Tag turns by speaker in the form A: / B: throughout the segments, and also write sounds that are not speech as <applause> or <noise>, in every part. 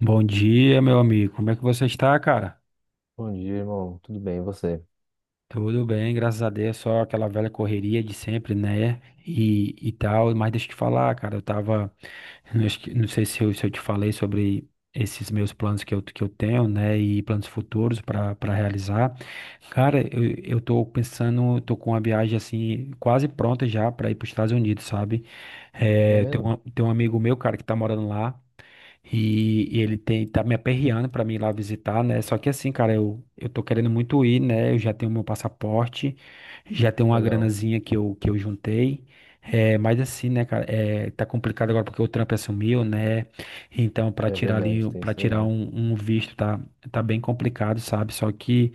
A: Bom dia, meu amigo. Como é que você está, cara?
B: Bom dia, irmão. Tudo bem, e você?
A: Tudo bem, graças a Deus. Só aquela velha correria de sempre, né? E tal. Mas deixa eu te falar, cara. Eu tava. Não acho que- não sei se eu te falei sobre esses meus planos que eu tenho, né? E planos futuros para para realizar. Cara, eu tô pensando. Tô com uma viagem assim, quase pronta já para ir para os Estados Unidos, sabe?
B: É
A: É, tem
B: mesmo?
A: um, tem um amigo meu, cara, que tá morando lá. E ele tem, tá me aperreando pra mim ir lá visitar, né? Só que assim, cara, eu tô querendo muito ir, né? Eu já tenho meu passaporte, já tenho uma
B: Legal.
A: granazinha que eu juntei. É, mas assim, né, cara, tá complicado agora porque o Trump assumiu, né? Então, pra
B: É
A: tirar
B: verdade,
A: ali,
B: tem
A: para
B: isso
A: tirar
B: aí.
A: um visto tá, tá bem complicado, sabe? Só que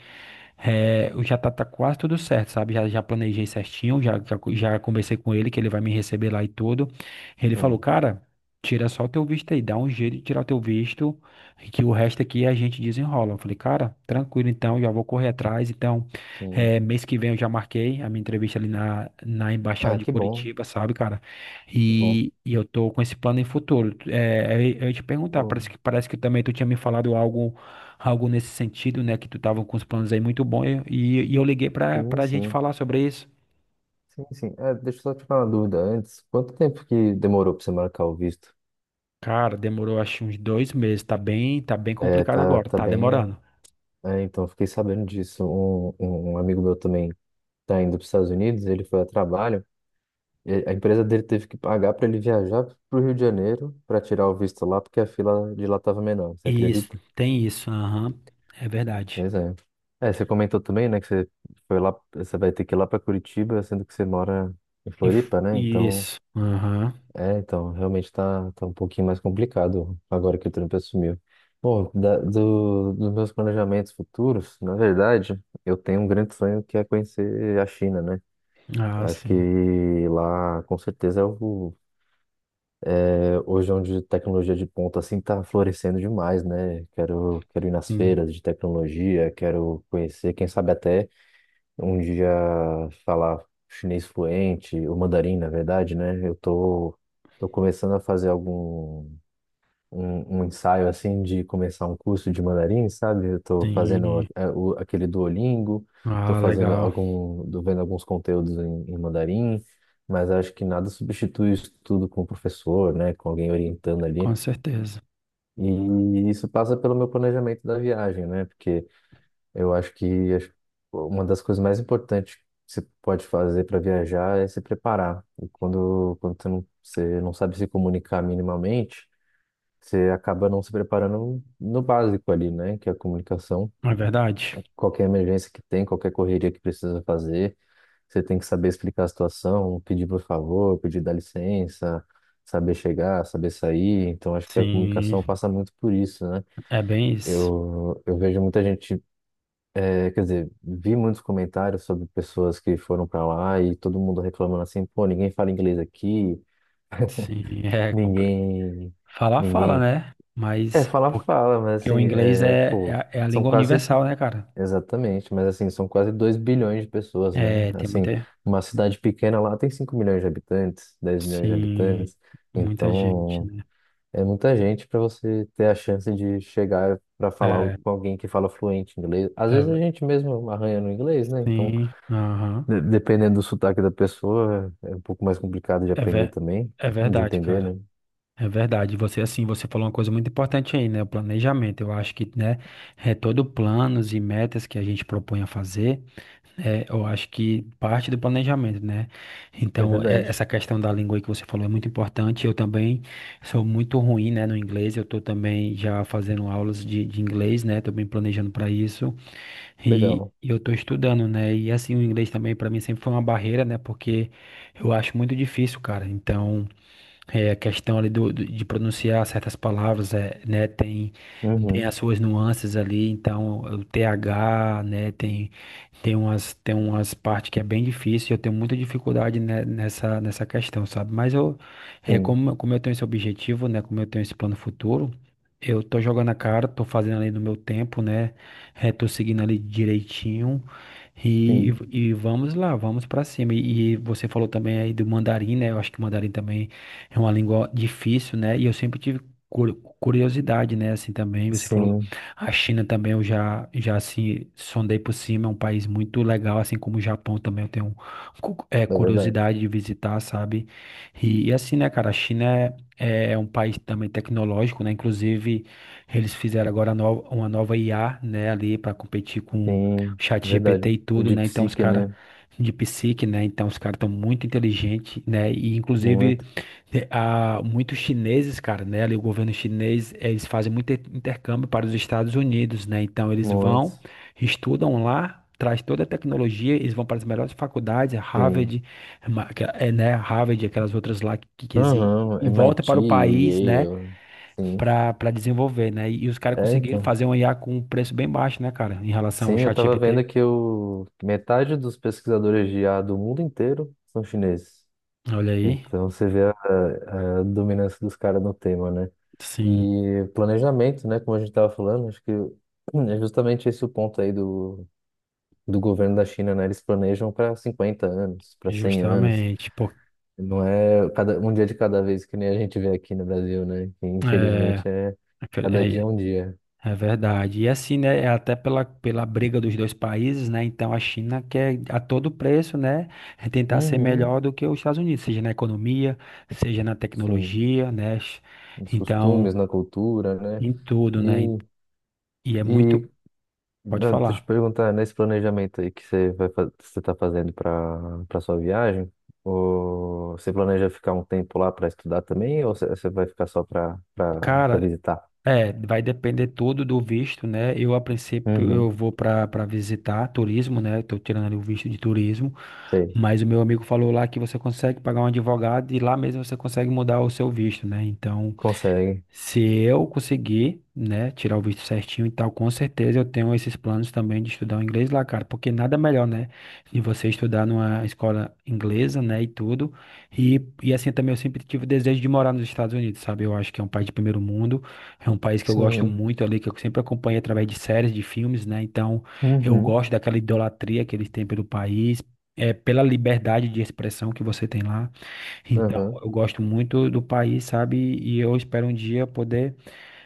A: eu tá quase tudo certo, sabe? Já planejei certinho, já conversei com ele que ele vai me receber lá e tudo. Ele falou,
B: Sim,
A: cara. Tira só o teu visto aí, dá um jeito de tirar o teu visto, que o resto aqui a gente desenrola. Eu falei, cara, tranquilo então, já vou correr atrás. Então,
B: sim.
A: mês que vem eu já marquei a minha entrevista ali na, na Embaixada
B: Ah,
A: de
B: que bom,
A: Curitiba, sabe, cara?
B: que bom.
A: E eu tô com esse plano em futuro. Eu ia te perguntar,
B: Oh,
A: parece que também tu tinha me falado algo, algo nesse sentido, né? Que tu tava com os planos aí muito bons e eu liguei pra,
B: sim,
A: pra gente
B: sim.
A: falar sobre isso.
B: Sim, sim. Ah, deixa eu só te falar uma dúvida antes. Quanto tempo que demorou pra você marcar o visto?
A: Cara, demorou acho uns 2 meses, tá bem
B: É,
A: complicado
B: tá,
A: agora,
B: tá
A: tá
B: bem.
A: demorando.
B: É, então, fiquei sabendo disso. Um amigo meu também tá indo para os Estados Unidos, ele foi a trabalho. A empresa dele teve que pagar para ele viajar para o Rio de Janeiro para tirar o visto lá, porque a fila de lá estava menor. Você
A: Isso,
B: acredita?
A: tem isso, aham. É verdade.
B: Pois é. É, você comentou também, né, que você foi lá, você vai ter que ir lá para Curitiba, sendo que você mora em Floripa, né? Então,
A: Isso, aham.
B: é, então, realmente tá, tá um pouquinho mais complicado agora que o Trump assumiu. Bom, dos meus planejamentos futuros, na verdade, eu tenho um grande sonho que é conhecer a China, né?
A: Ah,
B: Acho que
A: sim,
B: lá, com certeza, hoje é onde tecnologia de ponta, assim, está florescendo demais, né? Quero ir nas
A: sim,
B: feiras de tecnologia, quero conhecer, quem sabe até um dia falar chinês fluente, o mandarim, na verdade, né? Eu tô começando a fazer um ensaio assim de começar um curso de mandarim, sabe? Eu tô fazendo
A: sim.
B: é, o, aquele Duolingo, tô
A: Ah,
B: fazendo
A: legal.
B: algum, tô vendo alguns conteúdos em mandarim, mas acho que nada substitui isso tudo com o professor, né? Com alguém orientando ali.
A: Com certeza.
B: E isso passa pelo meu planejamento da viagem, né? Porque eu acho que uma das coisas mais importantes que você pode fazer para viajar é se preparar. E quando você não sabe se comunicar minimamente, você acaba não se preparando no básico ali, né? Que é a comunicação.
A: É verdade.
B: Qualquer emergência que tem, qualquer correria que precisa fazer, você tem que saber explicar a situação, pedir por favor, pedir dá licença, saber chegar, saber sair. Então, acho que a comunicação
A: Sim,
B: passa muito por isso, né?
A: é bem isso.
B: Eu vejo muita gente É, quer dizer, vi muitos comentários sobre pessoas que foram para lá e todo mundo reclamando assim, pô, ninguém fala inglês aqui,
A: Sim, <laughs> é completo.
B: ninguém,
A: Falar, fala,
B: ninguém.
A: né?
B: É,
A: Mas
B: fala,
A: porque,
B: fala, mas
A: porque o
B: assim,
A: inglês
B: é, pô,
A: é a
B: são
A: língua
B: quase,
A: universal, né, cara?
B: exatamente, mas assim, são quase 2 bilhões de pessoas, né?
A: É, tem
B: Assim,
A: muita.
B: uma cidade pequena lá tem 5 milhões de habitantes, 10 milhões de
A: Sim,
B: habitantes,
A: muita gente,
B: então
A: né?
B: é muita gente para você ter a chance de chegar para falar
A: É,
B: com alguém que fala fluente inglês. Às
A: é,
B: vezes a
A: ve-
B: gente mesmo arranha no inglês, né? Então
A: sim, aham.
B: Dependendo do sotaque da pessoa, é um pouco mais complicado de
A: É,
B: aprender
A: ver,
B: também,
A: é
B: de
A: verdade,
B: entender,
A: cara.
B: né?
A: É verdade, você assim, você falou uma coisa muito importante aí, né? O planejamento. Eu acho que, né, é todo planos e metas que a gente propõe a fazer, eu acho que parte do planejamento, né?
B: É
A: Então,
B: verdade.
A: essa questão da língua aí que você falou é muito importante. Eu também sou muito ruim, né, no inglês. Eu tô também já fazendo aulas de inglês, né? Tô bem planejando para isso. E
B: Legal.
A: eu tô estudando, né? E assim, o inglês também para mim sempre foi uma barreira, né? Porque eu acho muito difícil, cara. Então, a questão ali do, de pronunciar certas palavras, é, né? Tem
B: Uhum.
A: as suas nuances ali, então o TH, né, tem umas partes que é bem difícil, eu tenho muita dificuldade né, nessa nessa questão, sabe? Mas eu
B: Sim,
A: como eu tenho esse objetivo, né, como eu tenho esse plano futuro, eu tô jogando a cara, tô fazendo ali no meu tempo, né? É, tô seguindo ali direitinho.
B: sim,
A: E vamos lá, vamos pra cima. E você falou também aí do mandarim, né? Eu acho que o mandarim também é uma língua difícil, né? E eu sempre tive curiosidade, né, assim também, você falou,
B: sim,
A: a China também eu já assim, sondei por cima, é um país muito legal, assim como o Japão também eu tenho um
B: é verdade.
A: curiosidade de visitar, sabe, e assim, né, cara, a China é um país também tecnológico, né, inclusive eles fizeram agora uma nova IA, né, ali para competir com o
B: Sim,
A: chat GPT
B: verdade.
A: e
B: O
A: tudo,
B: de
A: né, então os
B: psique,
A: caras
B: né?
A: de psique, né, então os caras estão muito inteligentes, né, e inclusive
B: Muito,
A: há muitos chineses, cara, né? Ali o governo chinês, eles fazem muito intercâmbio para os Estados Unidos, né? Então eles vão,
B: muito,
A: estudam lá, traz toda a tecnologia, eles vão para as melhores faculdades, é
B: sim.
A: Harvard, né? Harvard, aquelas outras lá que existem,
B: Aham,
A: e volta
B: MIT,
A: para o país, né?
B: Yale, sim.
A: Para para desenvolver, né? E, os caras
B: É,
A: conseguiram
B: então.
A: fazer um IA com um preço bem baixo, né, cara? Em relação ao
B: Sim, eu
A: chat
B: tava
A: GPT.
B: vendo que metade dos pesquisadores de IA do mundo inteiro são chineses.
A: Olha aí.
B: Então você vê a dominância dos caras no tema, né?
A: Sim,
B: E planejamento, né? Como a gente estava falando, acho que é justamente esse o ponto aí do governo da China, né? Eles planejam para 50 anos, para 100 anos.
A: justamente. Pô,
B: Não é cada, um dia de cada vez que nem a gente vê aqui no Brasil, né? Que infelizmente é cada dia
A: é,
B: é um dia.
A: é verdade. E assim, né, é até pela, pela briga dos dois países, né, então a China quer a todo preço, né, tentar ser
B: Uhum,
A: melhor do que os Estados Unidos, seja na economia, seja na
B: sim.
A: tecnologia, né,
B: Nos
A: então,
B: costumes, na cultura, né?
A: em tudo, né,
B: E
A: e é
B: E
A: muito, pode
B: Não, deixa eu te
A: falar.
B: perguntar, nesse planejamento aí que você vai, você está fazendo para para sua viagem, ou você planeja ficar um tempo lá para estudar também, ou você vai ficar só para para
A: Cara,
B: visitar?
A: é, vai depender tudo do visto, né, eu a princípio eu
B: Uhum,
A: vou para para visitar turismo, né, tô tirando ali o visto de turismo,
B: sei.
A: mas o meu amigo falou lá que você consegue pagar um advogado e lá mesmo você consegue mudar o seu visto, né? Então,
B: Consegue.
A: se eu conseguir, né, tirar o visto certinho e tal, com certeza eu tenho esses planos também de estudar o inglês lá, cara, porque nada melhor, né, de você estudar numa escola inglesa, né, e tudo. E assim também eu sempre tive o desejo de morar nos Estados Unidos, sabe? Eu acho que é um país de primeiro mundo, é um país que eu gosto
B: Sim.
A: muito ali, que eu sempre acompanho através de séries, de filmes, né? Então, eu
B: Uhum.
A: gosto daquela idolatria que eles têm pelo país, é pela liberdade de expressão que você tem lá. Então,
B: Uhum.
A: eu gosto muito do país, sabe? E eu espero um dia poder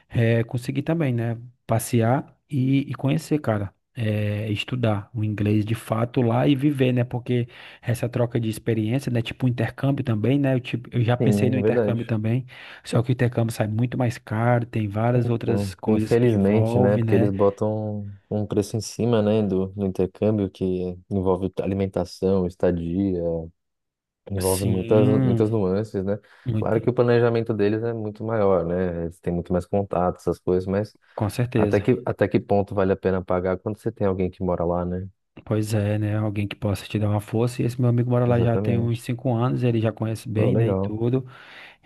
A: conseguir também, né? Passear e conhecer, cara. Estudar o inglês de fato lá e viver, né? Porque essa troca de experiência, né? Tipo um intercâmbio também, né? Eu, tipo, eu já pensei
B: Sim,
A: no
B: é
A: intercâmbio
B: verdade.
A: também, só que o intercâmbio sai muito mais caro, tem várias
B: Então,
A: outras coisas que
B: infelizmente, né,
A: envolve,
B: porque eles
A: né?
B: botam um preço em cima, né, do intercâmbio que envolve alimentação, estadia, envolve muitas,
A: Sim,
B: muitas nuances, né?
A: muito,
B: Claro que o planejamento deles é muito maior, né? Eles têm muito mais contato, essas coisas, mas
A: com
B: até
A: certeza.
B: que, até que ponto vale a pena pagar quando você tem alguém que mora lá, né?
A: Pois é, né? Alguém que possa te dar uma força. E esse meu amigo mora lá já tem uns
B: Exatamente.
A: 5 anos, ele já conhece
B: Pô,
A: bem, né? E
B: legal.
A: tudo.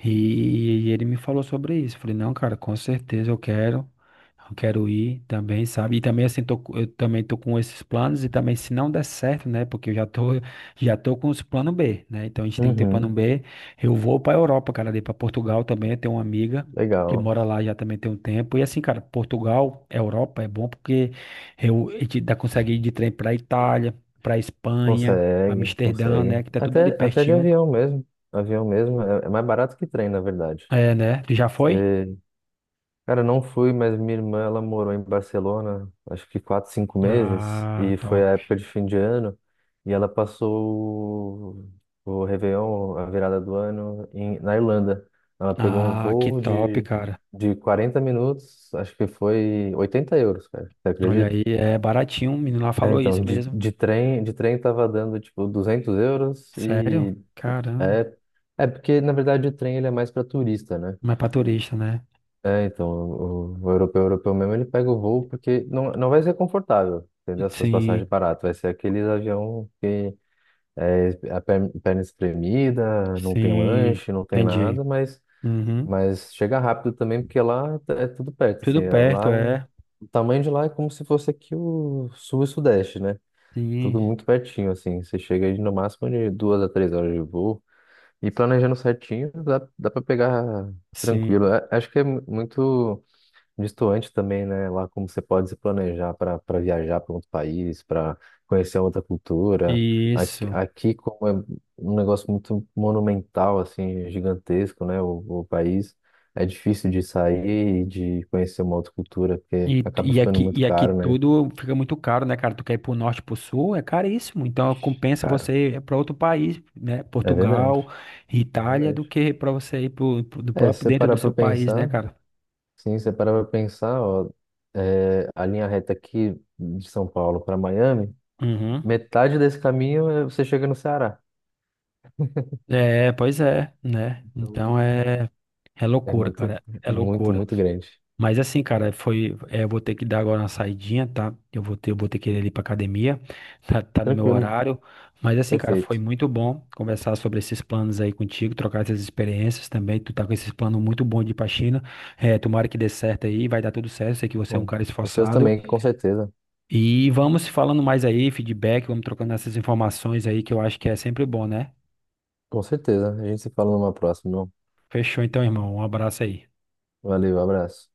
A: E ele me falou sobre isso. Falei, não, cara, com certeza eu quero ir também, sabe? E também assim, eu também tô com esses planos e também se não der certo, né? Porque eu já tô com os plano B, né? Então a gente tem que ter plano
B: Uhum,
A: B. Eu vou pra Europa, cara, ali pra Portugal também. Eu tenho uma amiga que
B: legal.
A: mora lá já também tem um tempo. E assim, cara, Portugal, Europa é bom porque eu, a gente dá, consegue ir de trem pra Itália, pra Espanha,
B: Consegue,
A: Amsterdã, né?
B: consegue.
A: Que tá tudo ali
B: Até, até de
A: pertinho.
B: avião mesmo. Avião mesmo é, é mais barato que trem, na verdade.
A: É, né? Tu já foi?
B: Cara, não fui, mas minha irmã, ela morou em Barcelona, acho que quatro, cinco meses,
A: Ah,
B: e foi
A: top.
B: a época de fim de ano, e ela passou o Réveillon, a virada do ano, em, na Irlanda. Ela pegou um
A: Ah, que
B: voo
A: top,
B: de,
A: cara.
B: de 40 minutos, acho que foi 80 euros, cara, você
A: Olha
B: acredita?
A: aí, é baratinho. O menino lá
B: É,
A: falou
B: então,
A: isso
B: de,
A: mesmo.
B: de trem, de trem tava dando, tipo, 200 euros,
A: Sério?
B: e
A: Caramba.
B: é, é porque, na verdade, o trem ele é mais para turista, né?
A: Mas pra turista, né?
B: É, então, o europeu, europeu mesmo, ele pega o voo porque não, não vai ser confortável, entendeu? Essas
A: Sim,
B: passagens baratas. Vai ser aqueles avião que é a perna espremida, não tem
A: sim.
B: lanche, não tem
A: Entendi.
B: nada,
A: Uhum.
B: mas chega rápido também porque lá é tudo perto, assim,
A: Tudo perto,
B: lá,
A: é.
B: o tamanho de lá é como se fosse aqui o sul e sudeste, né?
A: Sim,
B: Tudo muito pertinho, assim, você chega aí no máximo de 2 a 3 horas de voo e planejando certinho, dá, dá para pegar tranquilo.
A: sim.
B: É- acho que é muito distoante também, né? Lá como você pode se planejar para para viajar para outro país, para conhecer outra cultura. Aqui,
A: Isso.
B: aqui, como é um negócio muito monumental, assim, gigantesco, né? O país, é difícil de sair e de conhecer uma outra cultura, porque acaba ficando muito
A: E aqui
B: caro, né?
A: tudo fica muito caro, né, cara? Tu quer ir pro norte, pro sul, é caríssimo. Então
B: Ixi,
A: compensa
B: caro.
A: você ir pra outro país, né?
B: É verdade,
A: Portugal,
B: é
A: Itália, do
B: verdade.
A: que pra você ir do
B: É, se
A: próprio
B: você
A: dentro
B: parar
A: do
B: para
A: seu país, né,
B: pensar,
A: cara?
B: sim, se você parar para pensar, ó, é, a linha reta aqui de São Paulo para Miami.
A: Uhum.
B: Metade desse caminho é- você chega no Ceará.
A: É, pois é, né?
B: Então,
A: Então é, é
B: é
A: loucura,
B: muito,
A: cara. É
B: muito,
A: loucura.
B: muito grande.
A: Mas assim, cara, foi. É, eu vou ter que dar agora uma saidinha, tá? Eu vou ter que ir ali pra academia. <laughs> Tá, tá no meu
B: Tranquilo,
A: horário. Mas assim, cara, foi
B: perfeito.
A: muito bom conversar sobre esses planos aí contigo, trocar essas experiências também. Tu tá com esses planos muito bons de ir pra China. É, tomara que dê certo aí, vai dar tudo certo. Sei que você é um
B: Bom,
A: cara
B: os seus
A: esforçado.
B: também, com certeza.
A: E vamos se falando mais aí, feedback, vamos trocando essas informações aí, que eu acho que é sempre bom, né?
B: Com certeza. A gente se fala numa próxima. Não?
A: Fechou então, irmão. Um abraço aí.
B: Valeu, abraço.